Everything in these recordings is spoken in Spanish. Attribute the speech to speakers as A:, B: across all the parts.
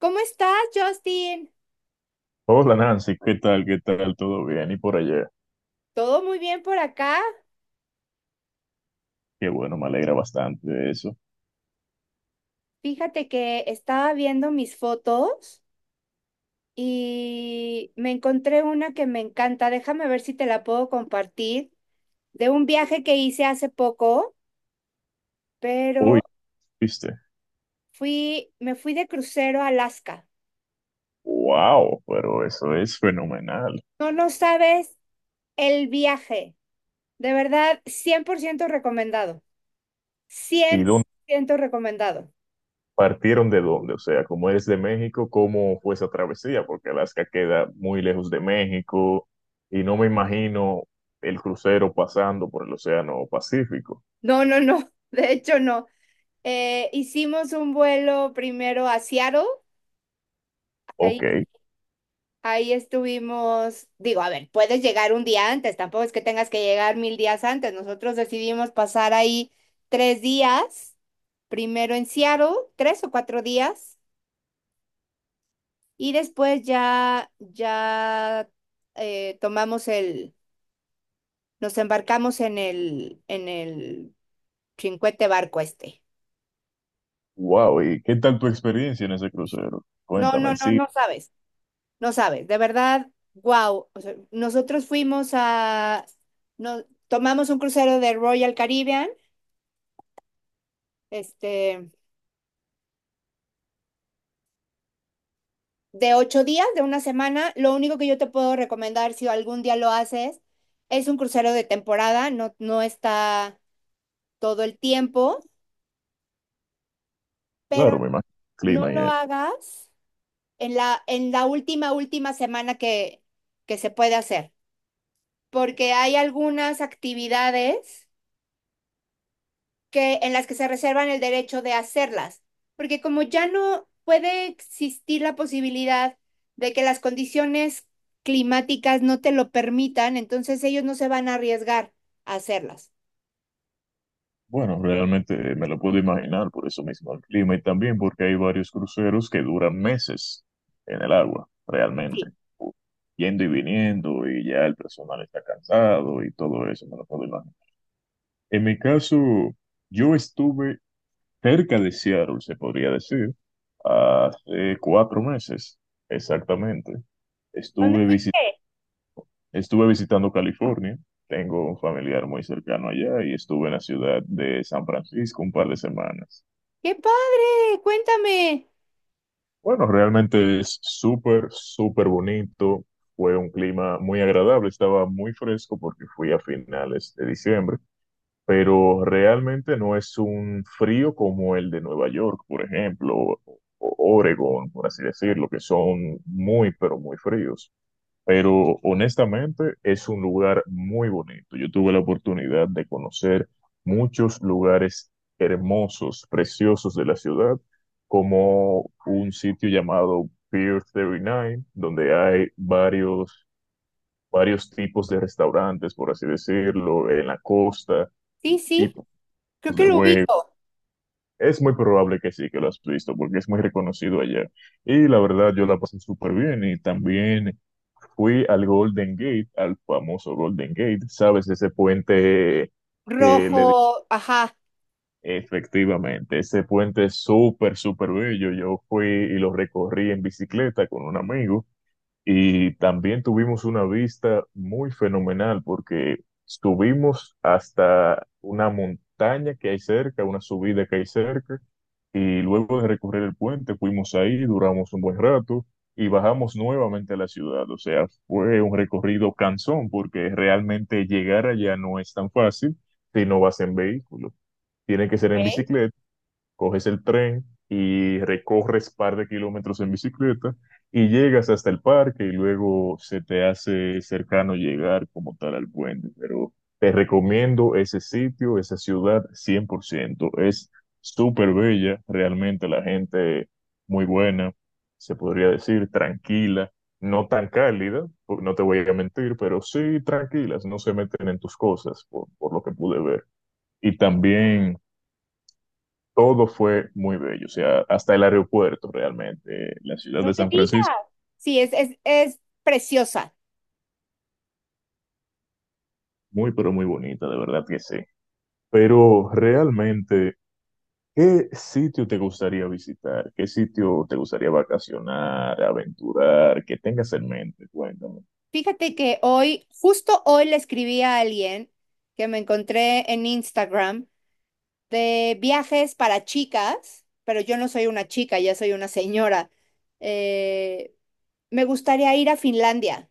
A: ¿Cómo estás, Justin?
B: Hola Nancy, ¿qué tal? ¿Qué tal? ¿Todo bien? ¿Y por allá?
A: Todo muy bien por acá.
B: Qué bueno, me alegra bastante de eso.
A: Fíjate que estaba viendo mis fotos y me encontré una que me encanta. Déjame ver si te la puedo compartir. De un viaje que hice hace poco, pero
B: Uy, ¿viste?
A: me fui de crucero a Alaska.
B: ¡Wow! Pero eso es fenomenal.
A: No, no sabes el viaje. De verdad, 100% recomendado.
B: ¿Y
A: Cien
B: dónde
A: por ciento recomendado.
B: partieron de dónde? O sea, como eres de México, ¿cómo fue esa travesía? Porque Alaska queda muy lejos de México y no me imagino el crucero pasando por el Océano Pacífico.
A: No, no, no. De hecho, no, hicimos un vuelo primero a Seattle.
B: Ok,
A: Ahí, ahí estuvimos, digo, a ver, puedes llegar un día antes, tampoco es que tengas que llegar mil días antes. Nosotros decidimos pasar ahí 3 días, primero en Seattle, 3 o 4 días, y después ya eh, tomamos el, nos embarcamos en el chincuete barco este.
B: wow. ¿Y qué tal tu experiencia en ese crucero?
A: No, no,
B: Cuéntame,
A: no,
B: sí,
A: no sabes. No sabes, de verdad, wow. O sea, nosotros no, tomamos un crucero de Royal Caribbean, este, de 8 días, de una semana. Lo único que yo te puedo recomendar, si algún día lo haces, es un crucero de temporada, no, no está todo el tiempo, pero
B: claro, me imagino el
A: no
B: clima y
A: lo
B: eso.
A: hagas en la última semana que se puede hacer, porque hay algunas actividades en las que se reservan el derecho de hacerlas, porque como ya no puede existir la posibilidad de que las condiciones climáticas no te lo permitan, entonces ellos no se van a arriesgar a hacerlas.
B: Bueno, realmente me lo puedo imaginar por eso mismo el clima y también porque hay varios cruceros que duran meses en el agua, realmente,
A: Sí.
B: yendo y viniendo y ya el personal está cansado y todo eso, me lo puedo imaginar. En mi caso, yo estuve cerca de Seattle, se podría decir, hace 4 meses exactamente.
A: ¿Dónde
B: Estuve visi-
A: fuiste?
B: Estuve visitando California. Tengo un familiar muy cercano allá y estuve en la ciudad de San Francisco un par de semanas.
A: ¡Qué padre! Cuéntame.
B: Bueno, realmente es súper, súper bonito. Fue un clima muy agradable, estaba muy fresco porque fui a finales de diciembre, pero realmente no es un frío como el de Nueva York, por ejemplo, o Oregon, por así decirlo, que son muy, pero muy fríos, pero honestamente es un lugar muy bonito. Yo tuve la oportunidad de conocer muchos lugares hermosos, preciosos de la ciudad, como un sitio llamado Pier 39, donde hay varios tipos de restaurantes, por así decirlo, en la costa,
A: Sí, sí,
B: tipos
A: creo que
B: de
A: lo
B: juegos,
A: ubico.
B: es muy probable que sí, que lo has visto, porque es muy reconocido allá. Y la verdad, yo la pasé súper bien y también fui al Golden Gate, al famoso Golden Gate, ¿sabes? Ese puente que le...
A: Rojo, ajá.
B: Efectivamente, ese puente es súper, súper bello. Yo fui y lo recorrí en bicicleta con un amigo y también tuvimos una vista muy fenomenal porque subimos hasta una montaña que hay cerca, una subida que hay cerca, y luego de recorrer el puente, fuimos ahí, duramos un buen rato y bajamos nuevamente a la ciudad. O sea, fue un recorrido cansón porque realmente llegar allá no es tan fácil si no vas en vehículo. Tiene que ser en
A: Ok.
B: bicicleta, coges el tren y recorres par de kilómetros en bicicleta y llegas hasta el parque y luego se te hace cercano llegar como tal al puente. Pero te recomiendo ese sitio, esa ciudad 100 por ciento. Es súper bella, realmente la gente muy buena, se podría decir, tranquila. No tan cálida, no te voy a mentir, pero sí tranquilas, no se meten en tus cosas, por lo que pude ver. Y también todo fue muy bello, o sea, hasta el aeropuerto realmente, la ciudad
A: No
B: de
A: me
B: San
A: digas.
B: Francisco,
A: Sí, es preciosa.
B: muy pero muy bonita, de verdad que sí. Pero realmente, ¿qué sitio te gustaría visitar? ¿Qué sitio te gustaría vacacionar, aventurar, que tengas en mente? Cuéntame.
A: Fíjate que hoy, justo hoy le escribí a alguien que me encontré en Instagram de viajes para chicas, pero yo no soy una chica, ya soy una señora. Eh, me gustaría ir a Finlandia.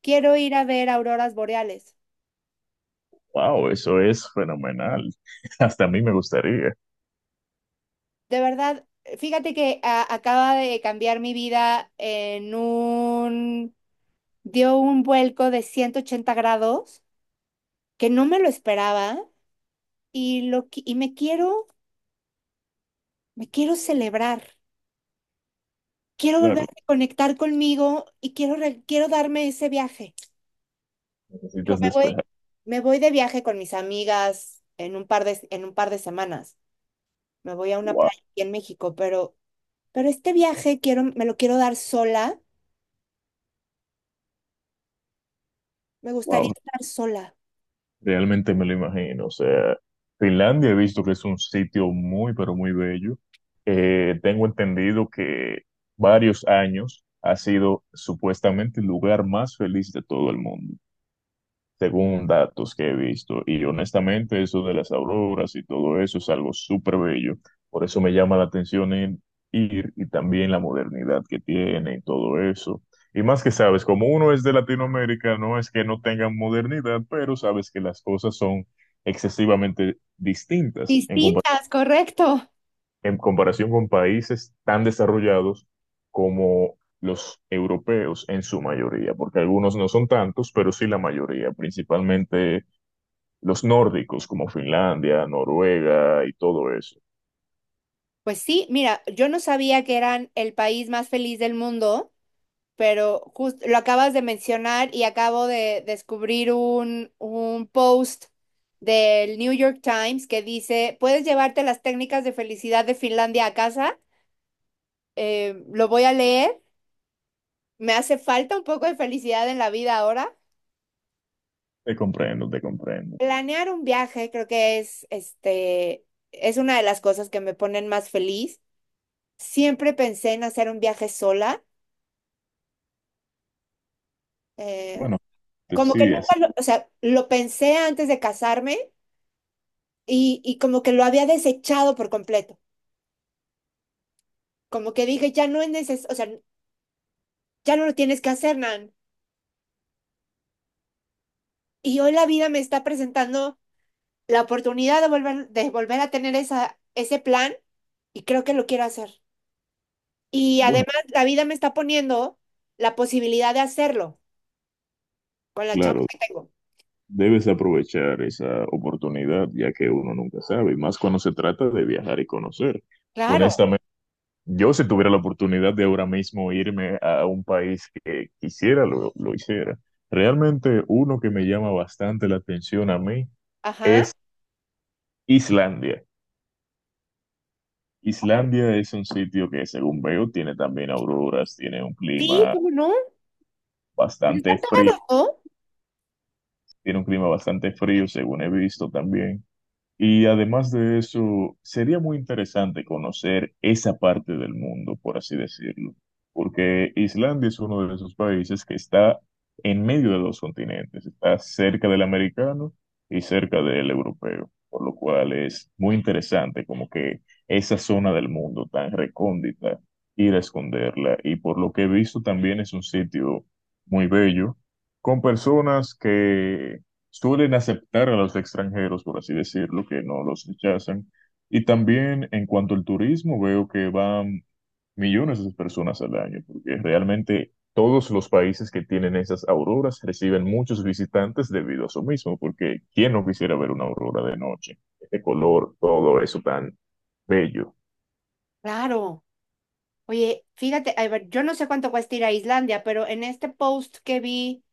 A: Quiero ir a ver auroras boreales.
B: Wow, eso es fenomenal. Hasta a mí me gustaría.
A: De verdad, fíjate que acaba de cambiar mi vida dio un vuelco de 180 grados que no me lo esperaba y, me quiero celebrar. Quiero volver
B: Claro,
A: a conectar conmigo y quiero darme ese viaje. Dijo,
B: necesitas
A: Me voy,
B: despejar.
A: me voy de viaje con mis amigas en un par de semanas. Me voy a una
B: Wow,
A: playa aquí en México, pero este viaje quiero, me lo quiero dar sola. Me gustaría
B: wow.
A: estar sola.
B: Realmente me lo imagino. O sea, Finlandia he visto que es un sitio muy, pero muy bello. Tengo entendido que varios años ha sido supuestamente el lugar más feliz de todo el mundo según datos que he visto. Y honestamente, eso de las auroras y todo eso es algo súper bello. Por eso me llama la atención en ir y también la modernidad que tiene y todo eso. Y más que sabes, como uno es de Latinoamérica, no es que no tengan modernidad, pero sabes que las cosas son excesivamente distintas en,
A: Distintas, correcto.
B: en comparación con países tan desarrollados como los europeos en su mayoría, porque algunos no son tantos, pero sí la mayoría, principalmente los nórdicos como Finlandia, Noruega y todo eso.
A: Pues sí, mira, yo no sabía que eran el país más feliz del mundo, pero justo lo acabas de mencionar y acabo de descubrir un post del New York Times que dice, ¿puedes llevarte las técnicas de felicidad de Finlandia a casa? Lo voy a leer. Me hace falta un poco de felicidad en la vida ahora.
B: Te comprendo, te comprendo.
A: Planear un viaje creo que es una de las cosas que me ponen más feliz. Siempre pensé en hacer un viaje sola. eh,
B: Bueno,
A: como que
B: sí,
A: nunca o sea, lo pensé antes de casarme y como que lo había desechado por completo. Como que dije, ya no es o sea, ya no lo tienes que hacer, Nan. Y hoy la vida me está presentando la oportunidad de volver a tener ese plan y creo que lo quiero hacer. Y
B: bueno,
A: además la vida me está poniendo la posibilidad de hacerlo con la chamba
B: claro,
A: que tengo.
B: debes aprovechar esa oportunidad ya que uno nunca sabe, y más cuando se trata de viajar y conocer.
A: Claro,
B: Honestamente, yo si tuviera la oportunidad de ahora mismo irme a un país que quisiera, lo hiciera. Realmente uno que me llama bastante la atención a mí
A: ajá.
B: es Islandia. Islandia es un sitio que, según veo, tiene también auroras, tiene un
A: Sí,
B: clima
A: ¿cómo no? Pero
B: bastante
A: están
B: frío,
A: pegados, ¿no?
B: tiene un clima bastante frío, según he visto también. Y además de eso, sería muy interesante conocer esa parte del mundo, por así decirlo, porque Islandia es uno de esos países que está en medio de dos continentes, está cerca del americano y cerca del europeo, por lo cual es muy interesante como que esa zona del mundo tan recóndita, ir a esconderla. Y por lo que he visto también es un sitio muy bello, con personas que suelen aceptar a los extranjeros, por así decirlo, que no los rechazan. Y también en cuanto al turismo, veo que van millones de personas al año, porque realmente todos los países que tienen esas auroras reciben muchos visitantes debido a eso mismo, porque ¿quién no quisiera ver una aurora de noche? Este color, todo eso tan bello.
A: Claro. Oye, fíjate, a ver, yo no sé cuánto cuesta ir a Islandia, pero en este post que vi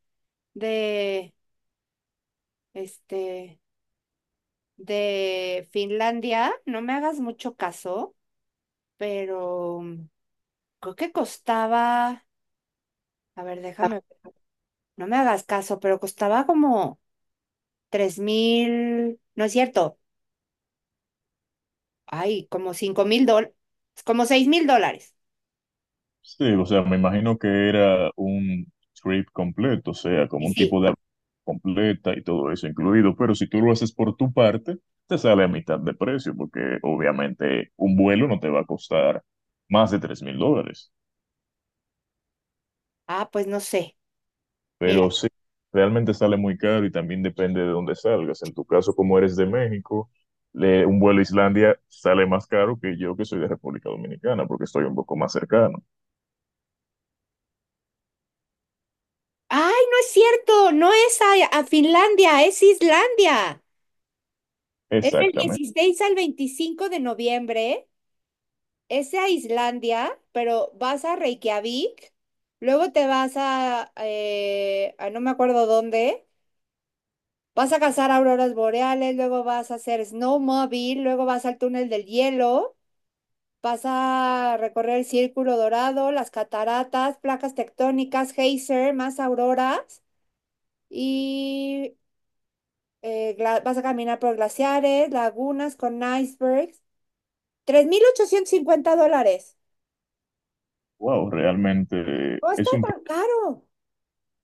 A: de este de Finlandia, no me hagas mucho caso, pero creo que costaba, a ver, déjame. No me hagas caso, pero costaba como 3,000, no es cierto, ay, como 5,000 dólares, como 6,000 dólares.
B: Sí, o sea, me imagino que era un trip completo, o sea, como
A: Y
B: un
A: sí,
B: tipo de completa y todo eso incluido, pero si tú lo haces por tu parte, te sale a mitad de precio, porque obviamente un vuelo no te va a costar más de $3,000,
A: ah, pues no sé,
B: pero
A: mira,
B: sí, realmente sale muy caro y también depende de dónde salgas. En tu caso, como eres de México, un vuelo a Islandia sale más caro que yo que soy de República Dominicana, porque estoy un poco más cercano.
A: ay, no es cierto, no es a Finlandia, es Islandia. Es el
B: Exactamente.
A: 16 al 25 de noviembre, es a Islandia, pero vas a Reykjavik, luego te vas a no me acuerdo dónde. Vas a cazar auroras boreales, luego vas a hacer snowmobile, luego vas al túnel del hielo, vas a recorrer el círculo dorado, las cataratas, placas tectónicas, geyser, más auroras y vas a caminar por glaciares, lagunas con icebergs. 3,850 dólares.
B: Wow, realmente
A: No está
B: es un...
A: tan caro.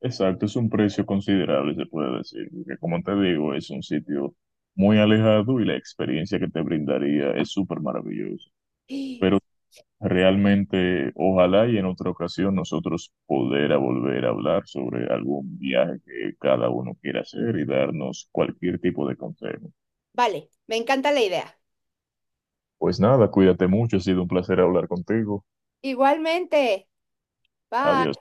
B: Exacto, es un precio considerable, se puede decir, porque como te digo, es un sitio muy alejado y la experiencia que te brindaría es súper maravillosa. Pero realmente, ojalá y en otra ocasión nosotros poder a volver a hablar sobre algún viaje que cada uno quiera hacer y darnos cualquier tipo de consejo.
A: Vale, me encanta la idea.
B: Pues nada, cuídate mucho, ha sido un placer hablar contigo.
A: Igualmente.
B: Adiós.
A: Bye.